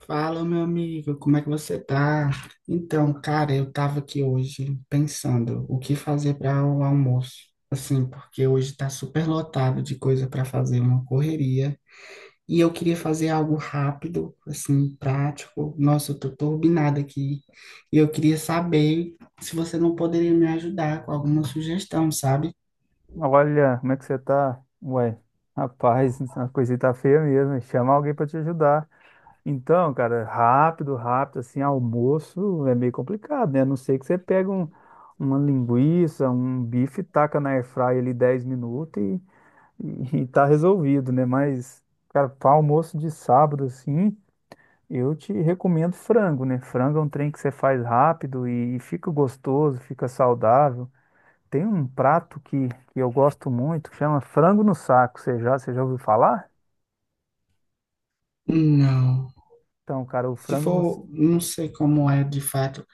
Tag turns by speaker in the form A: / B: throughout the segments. A: Fala, meu amigo, como é que você tá? Então, cara, eu tava aqui hoje pensando o que fazer para o almoço. Assim, porque hoje tá super lotado de coisa para fazer, uma correria. E eu queria fazer algo rápido, assim, prático. Nossa, eu tô turbinada aqui. E eu queria saber se você não poderia me ajudar com alguma sugestão, sabe?
B: Olha, como é que você tá? Ué, rapaz, a coisa tá feia mesmo, hein? Chama alguém pra te ajudar. Então, cara, rápido, rápido, assim, almoço é meio complicado, né? A não ser que você pega uma linguiça, um bife, taca na airfryer ali 10 minutos e tá resolvido, né? Mas, cara, para almoço de sábado, assim, eu te recomendo frango, né? Frango é um trem que você faz rápido e fica gostoso, fica saudável. Tem um prato que eu gosto muito, que chama frango no saco. Você já ouviu falar?
A: Não.
B: Então, cara, o
A: Se
B: frango no...
A: for, não sei como é de fato.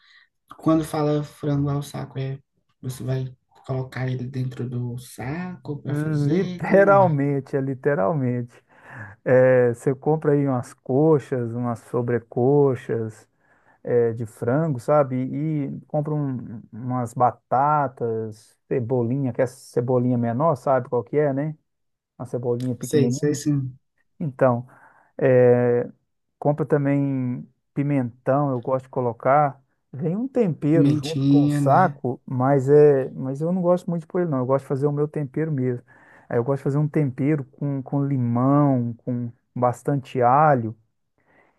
A: Quando fala frango ao saco, é, você vai colocar ele dentro do saco para fazer? Como é?
B: Literalmente. É, você compra aí umas coxas, umas sobrecoxas de frango, sabe? E compra umas batatas, cebolinha, que é cebolinha menor, sabe qual que é, né? Uma cebolinha
A: Sei, sei
B: pequenininha.
A: sim.
B: Então, é, Compra também pimentão, eu gosto de colocar. Vem um tempero junto com o
A: Pimentinha, né?
B: saco, mas eu não gosto muito de pôr ele, não. Eu gosto de fazer o meu tempero mesmo. Aí eu gosto de fazer um tempero com limão, com bastante alho.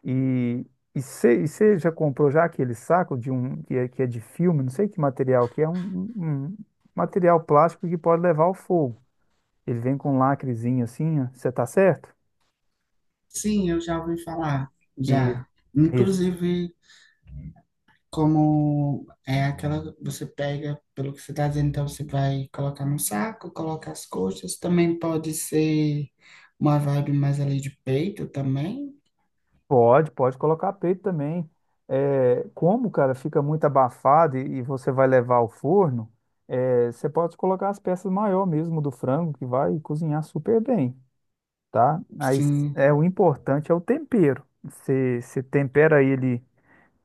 B: E e você já comprou já aquele saco de um que é de filme, não sei que material, que é um material plástico que pode levar ao fogo. Ele vem com um lacrezinho assim, você tá certo?
A: Sim, eu já ouvi falar,
B: E
A: já.
B: isso.
A: Inclusive, como é aquela, você pega, pelo que você está dizendo, então você vai colocar no saco, coloca as coxas, também pode ser uma vibe mais ali de peito também.
B: Pode, pode colocar peito também. É, como, cara, fica muito abafado e você vai levar ao forno, você pode colocar as peças maior mesmo do frango, que vai cozinhar super bem, tá? Aí s-
A: Sim,
B: é, o importante é o tempero. Você tempera ele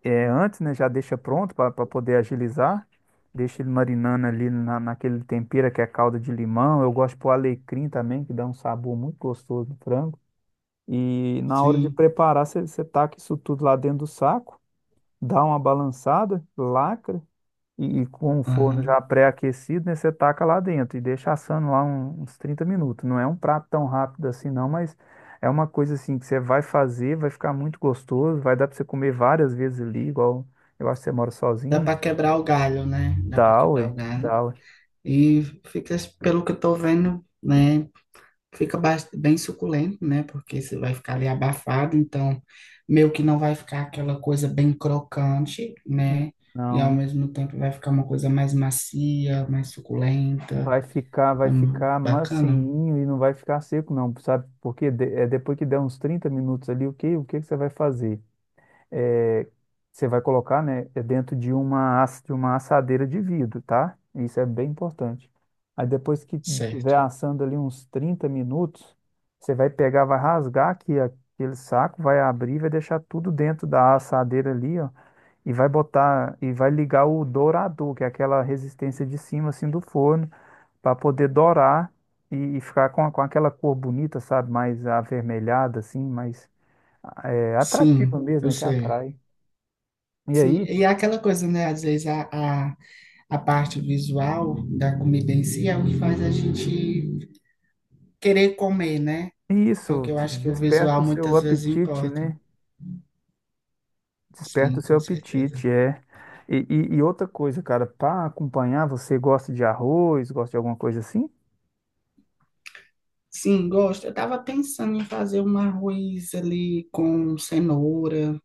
B: antes, né? Já deixa pronto para poder agilizar. Deixa ele marinando ali naquele tempero que é calda de limão. Eu gosto de pôr alecrim também, que dá um sabor muito gostoso no frango. E na hora de
A: sim.
B: preparar, você taca isso tudo lá dentro do saco, dá uma balançada, lacra, e com o forno
A: Aham.
B: já pré-aquecido, né, você taca lá dentro e deixa assando lá uns 30 minutos. Não é um prato tão rápido assim, não, mas é uma coisa assim que você vai fazer, vai ficar muito gostoso, vai dar para você comer várias vezes ali, igual eu acho que você mora
A: Dá
B: sozinho.
A: para quebrar o galho, né? Dá para
B: Dá,
A: quebrar o
B: ué,
A: galho.
B: dá, ué.
A: E fica, pelo que eu tô vendo, né? Fica bem suculento, né? Porque você vai ficar ali abafado, então meio que não vai ficar aquela coisa bem crocante, né? E ao
B: Não.
A: mesmo tempo vai ficar uma coisa mais macia, mais suculenta.
B: Vai ficar, vai
A: É
B: ficar
A: bacana?
B: macinho e não vai ficar seco, não, sabe? Porque é depois que der uns 30 minutos ali, o que que você vai fazer? É, você vai colocar, né, é dentro de uma assadeira de vidro, tá? Isso é bem importante. Aí depois que tiver
A: Certo.
B: assando ali uns 30 minutos, você vai pegar, vai rasgar aqui aquele saco, vai abrir, vai deixar tudo dentro da assadeira ali, ó, e vai botar, e vai ligar o dourador, que é aquela resistência de cima, assim, do forno para poder dourar e ficar com aquela cor bonita, sabe? Mais avermelhada, assim, mais
A: Sim,
B: atrativa mesmo,
A: eu
B: né? Que
A: sei.
B: atrai. E
A: Sim,
B: aí,
A: e é aquela coisa, né? Às vezes a, a parte visual da comida em si é o que faz a gente querer comer, né?
B: isso
A: Porque eu
B: te
A: acho que o visual
B: desperta o seu
A: muitas vezes
B: apetite,
A: importa.
B: né? Desperta o
A: Sim,
B: seu
A: com certeza.
B: apetite, é. E outra coisa, cara, para acompanhar, você gosta de arroz, gosta de alguma coisa assim?
A: Sim, gosto. Eu estava pensando em fazer um arroz ali com cenoura,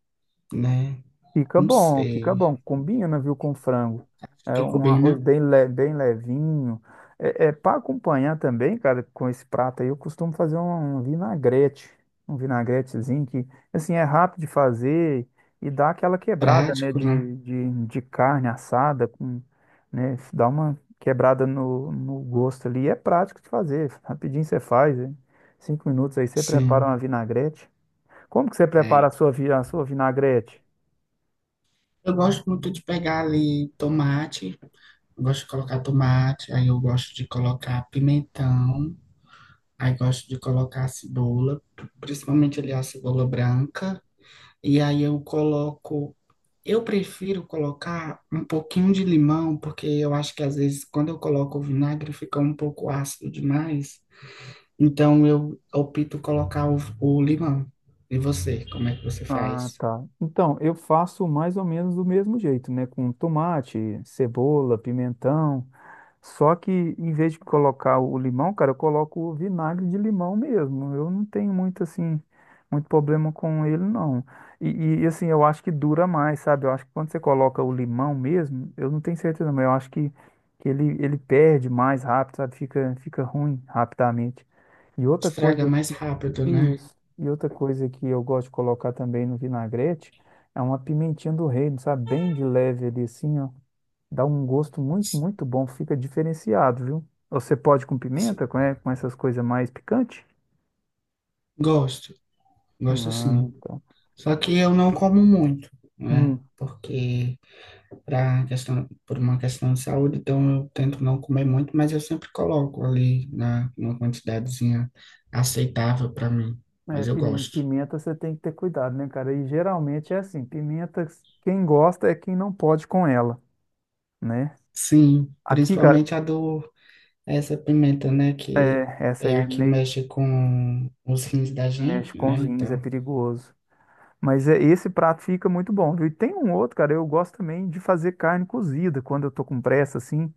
A: né?
B: Fica
A: Não
B: bom, fica
A: sei.
B: bom. Combina, viu, com frango. É
A: Ficou
B: um
A: bem,
B: arroz
A: né?
B: bem levinho. É para acompanhar também, cara, com esse prato aí, eu costumo fazer um vinagrete. Um vinagretezinho que, assim, é rápido de fazer e dá aquela quebrada, né,
A: Prático, né?
B: de carne assada, com, né, dá uma quebrada no gosto ali. E é prático de fazer. Rapidinho você faz, hein? 5 minutos aí você prepara
A: Sim.
B: uma vinagrete. Como que você
A: É.
B: prepara a sua vinagrete?
A: Eu gosto muito de pegar ali tomate. Eu gosto de colocar tomate. Aí eu gosto de colocar pimentão. Aí gosto de colocar cebola, principalmente ali a cebola branca. E aí eu coloco, eu prefiro colocar um pouquinho de limão, porque eu acho que às vezes quando eu coloco o vinagre fica um pouco ácido demais. Então eu opto colocar o limão. E você, como é que você
B: Ah,
A: faz?
B: tá. Então, eu faço mais ou menos do mesmo jeito, né? Com tomate, cebola, pimentão. Só que em vez de colocar o limão, cara, eu coloco o vinagre de limão mesmo. Eu não tenho muito assim, muito problema com ele, não. E, assim, eu acho que dura mais, sabe? Eu acho que quando você coloca o limão mesmo, eu não tenho certeza, mas eu acho que ele, ele perde mais rápido, sabe? Fica ruim rapidamente. E outra
A: Estraga
B: coisa
A: mais rápido, né?
B: isso. E outra coisa que eu gosto de colocar também no vinagrete é uma pimentinha do reino, sabe? Bem de leve ali assim, ó. Dá um gosto muito,
A: S-
B: muito bom, fica diferenciado, viu? Você pode com
A: s-
B: pimenta, com essas coisas mais picantes?
A: Gosto, gosto
B: Ah,
A: sim.
B: tá.
A: Só que eu não como muito, né?
B: Hum.
A: Porque para questão, por uma questão de saúde, então eu tento não comer muito, mas eu sempre coloco ali na, uma quantidadezinha aceitável para mim,
B: É,
A: mas eu gosto.
B: pimenta você tem que ter cuidado, né, cara? E geralmente é assim, pimenta quem gosta é quem não pode com ela, né?
A: Sim,
B: Aqui, cara,
A: principalmente a do, essa pimenta, né, que
B: essa
A: é
B: aí é
A: a que
B: meio
A: mexe com os rins da
B: mexe
A: gente,
B: com
A: né,
B: os rins, é
A: então.
B: perigoso. Mas esse prato fica muito bom, viu? E tem um outro, cara, eu gosto também de fazer carne cozida quando eu tô com pressa, assim.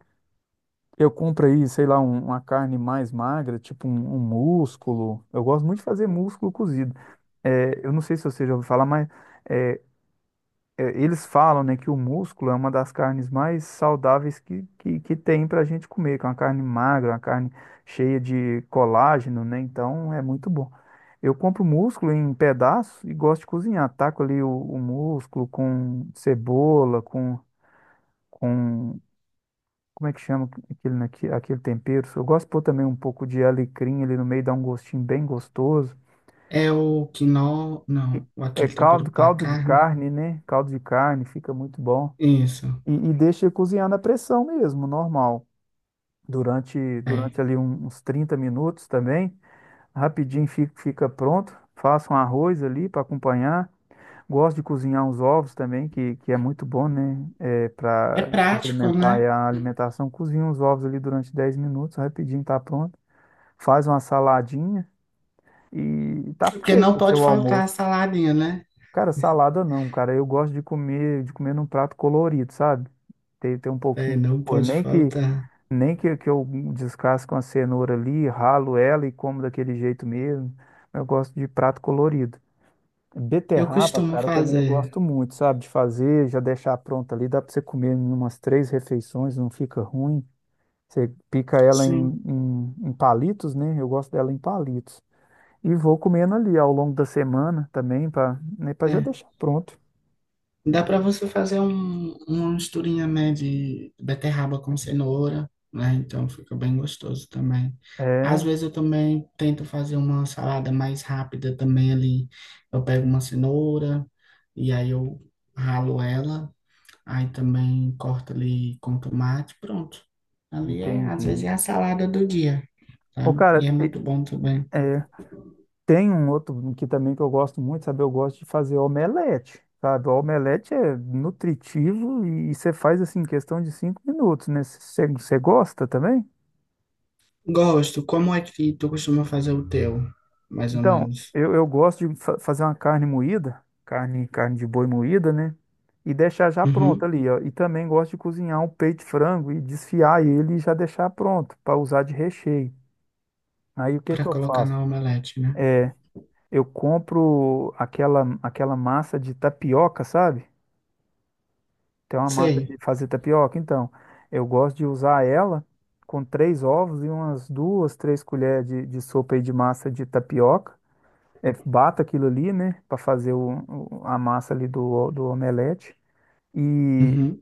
B: Eu compro aí, sei lá, uma carne mais magra, tipo um músculo. Eu gosto muito de fazer músculo cozido. É, eu não sei se você já ouviu falar, mas é, eles falam, né, que o músculo é uma das carnes mais saudáveis que tem para a gente comer, que é uma carne magra, uma carne cheia de colágeno, né? Então é muito bom. Eu compro músculo em pedaços e gosto de cozinhar. Taco ali o músculo com cebola, com. Como é que chama aquele tempero? Eu gosto de pôr também um pouco de alecrim ali no meio, dá um gostinho bem gostoso.
A: É o quinó, não, o
B: É
A: aquele tempero
B: caldo,
A: para
B: caldo de
A: carne.
B: carne, né? Caldo de carne, fica muito bom.
A: Isso,
B: E deixa ele cozinhar na pressão mesmo, normal. Durante,
A: é.
B: durante ali uns 30 minutos também, rapidinho fica pronto. Faça um arroz ali para acompanhar. Gosto de cozinhar uns ovos também, que é muito bom, né? É,
A: É
B: para
A: prático,
B: complementar aí
A: né?
B: a alimentação. Cozinha uns ovos ali durante 10 minutos, rapidinho tá pronto. Faz uma saladinha e tá
A: Porque não
B: feito o
A: pode
B: seu
A: faltar a
B: almoço.
A: saladinha, né?
B: Cara, salada não, cara. Eu gosto de comer num prato colorido, sabe? Tem um pouquinho
A: É,
B: de
A: não
B: cor.
A: pode
B: Nem que,
A: faltar.
B: nem que, que eu descasco uma cenoura ali, ralo ela e como daquele jeito mesmo. Eu gosto de prato colorido.
A: Eu
B: Beterraba,
A: costumo
B: cara, também eu
A: fazer.
B: gosto muito, sabe? De fazer, já deixar pronta ali. Dá pra você comer em umas 3 refeições, não fica ruim. Você pica ela
A: Sim,
B: em palitos, né? Eu gosto dela em palitos. E vou comendo ali ao longo da semana também, para já
A: é.
B: deixar pronto.
A: Dá para você fazer um, uma misturinha, né, de beterraba com cenoura, né? Então fica bem gostoso também. Às
B: É,
A: vezes eu também tento fazer uma salada mais rápida também ali. Eu pego uma cenoura e aí eu ralo ela, aí também corto ali com tomate, pronto. Ali é, às vezes é
B: entendi.
A: a salada do dia,
B: Ô,
A: sabe? E
B: cara,
A: é muito bom também.
B: é, tem um outro que também que eu gosto muito, sabe? Eu gosto de fazer omelete, sabe? O omelete é nutritivo e você faz assim em questão de 5 minutos, né? Você gosta também?
A: Gosto. Como é que tu costuma fazer o teu, mais ou
B: Então,
A: menos?
B: eu gosto de fazer uma carne moída, carne de boi moída, né? E deixar já pronto
A: Uhum.
B: ali, ó. E também gosto de cozinhar um peito de frango e desfiar ele e já deixar pronto para usar de recheio. Aí o que
A: Para
B: que eu
A: colocar
B: faço?
A: na omelete, né?
B: É, Eu compro aquela massa de tapioca, sabe? Tem uma massa
A: Sei.
B: de fazer tapioca. Então, eu gosto de usar ela com 3 ovos e umas duas, três colheres de sopa aí de massa de tapioca. É, bato aquilo ali, né? Para fazer a massa ali do omelete. E
A: Uhum.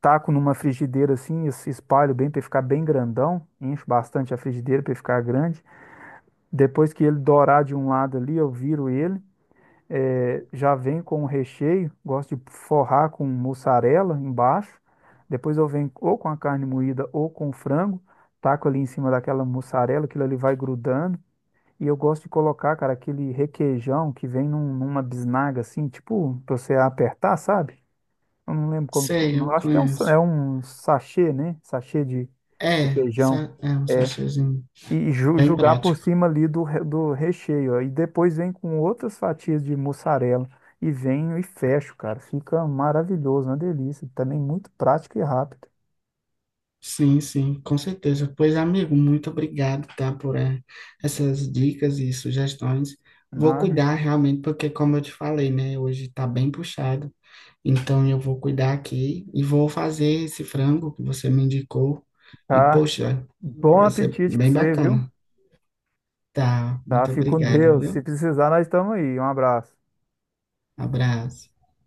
B: taco numa frigideira assim, espalho bem para ficar bem grandão. Encho bastante a frigideira para ficar grande. Depois que ele dourar de um lado ali, eu viro ele. Já vem com o recheio, gosto de forrar com mussarela embaixo. Depois eu venho ou com a carne moída ou com o frango, taco ali em cima daquela mussarela, aquilo ali vai grudando. E eu gosto de colocar, cara, aquele requeijão que vem numa bisnaga assim, tipo, pra você apertar, sabe? Eu não lembro como que
A: Sei,
B: chama. Eu
A: eu
B: acho que é um, sa-
A: conheço.
B: é um sachê, né? Sachê de
A: É,
B: requeijão.
A: é um
B: É,
A: sachêzinho.
B: e
A: Bem
B: julgar por
A: prático.
B: cima ali do recheio. E depois vem com outras fatias de mussarela. E venho e fecho, cara. Fica maravilhoso, uma delícia. Também muito prático e rápido.
A: Sim, sim, com certeza. Pois, amigo, muito obrigado, tá, por essas dicas e sugestões. Vou
B: Mano,
A: cuidar realmente, porque como eu te falei, né, hoje tá bem puxado. Então eu vou cuidar aqui e vou fazer esse frango que você me indicou. E,
B: tá.
A: poxa,
B: Bom
A: vai ser
B: apetite pra
A: bem
B: você, viu?
A: bacana. Tá,
B: Tá,
A: muito
B: fique com
A: obrigado,
B: Deus. Se
A: viu?
B: precisar, nós estamos aí. Um abraço.
A: Abraço.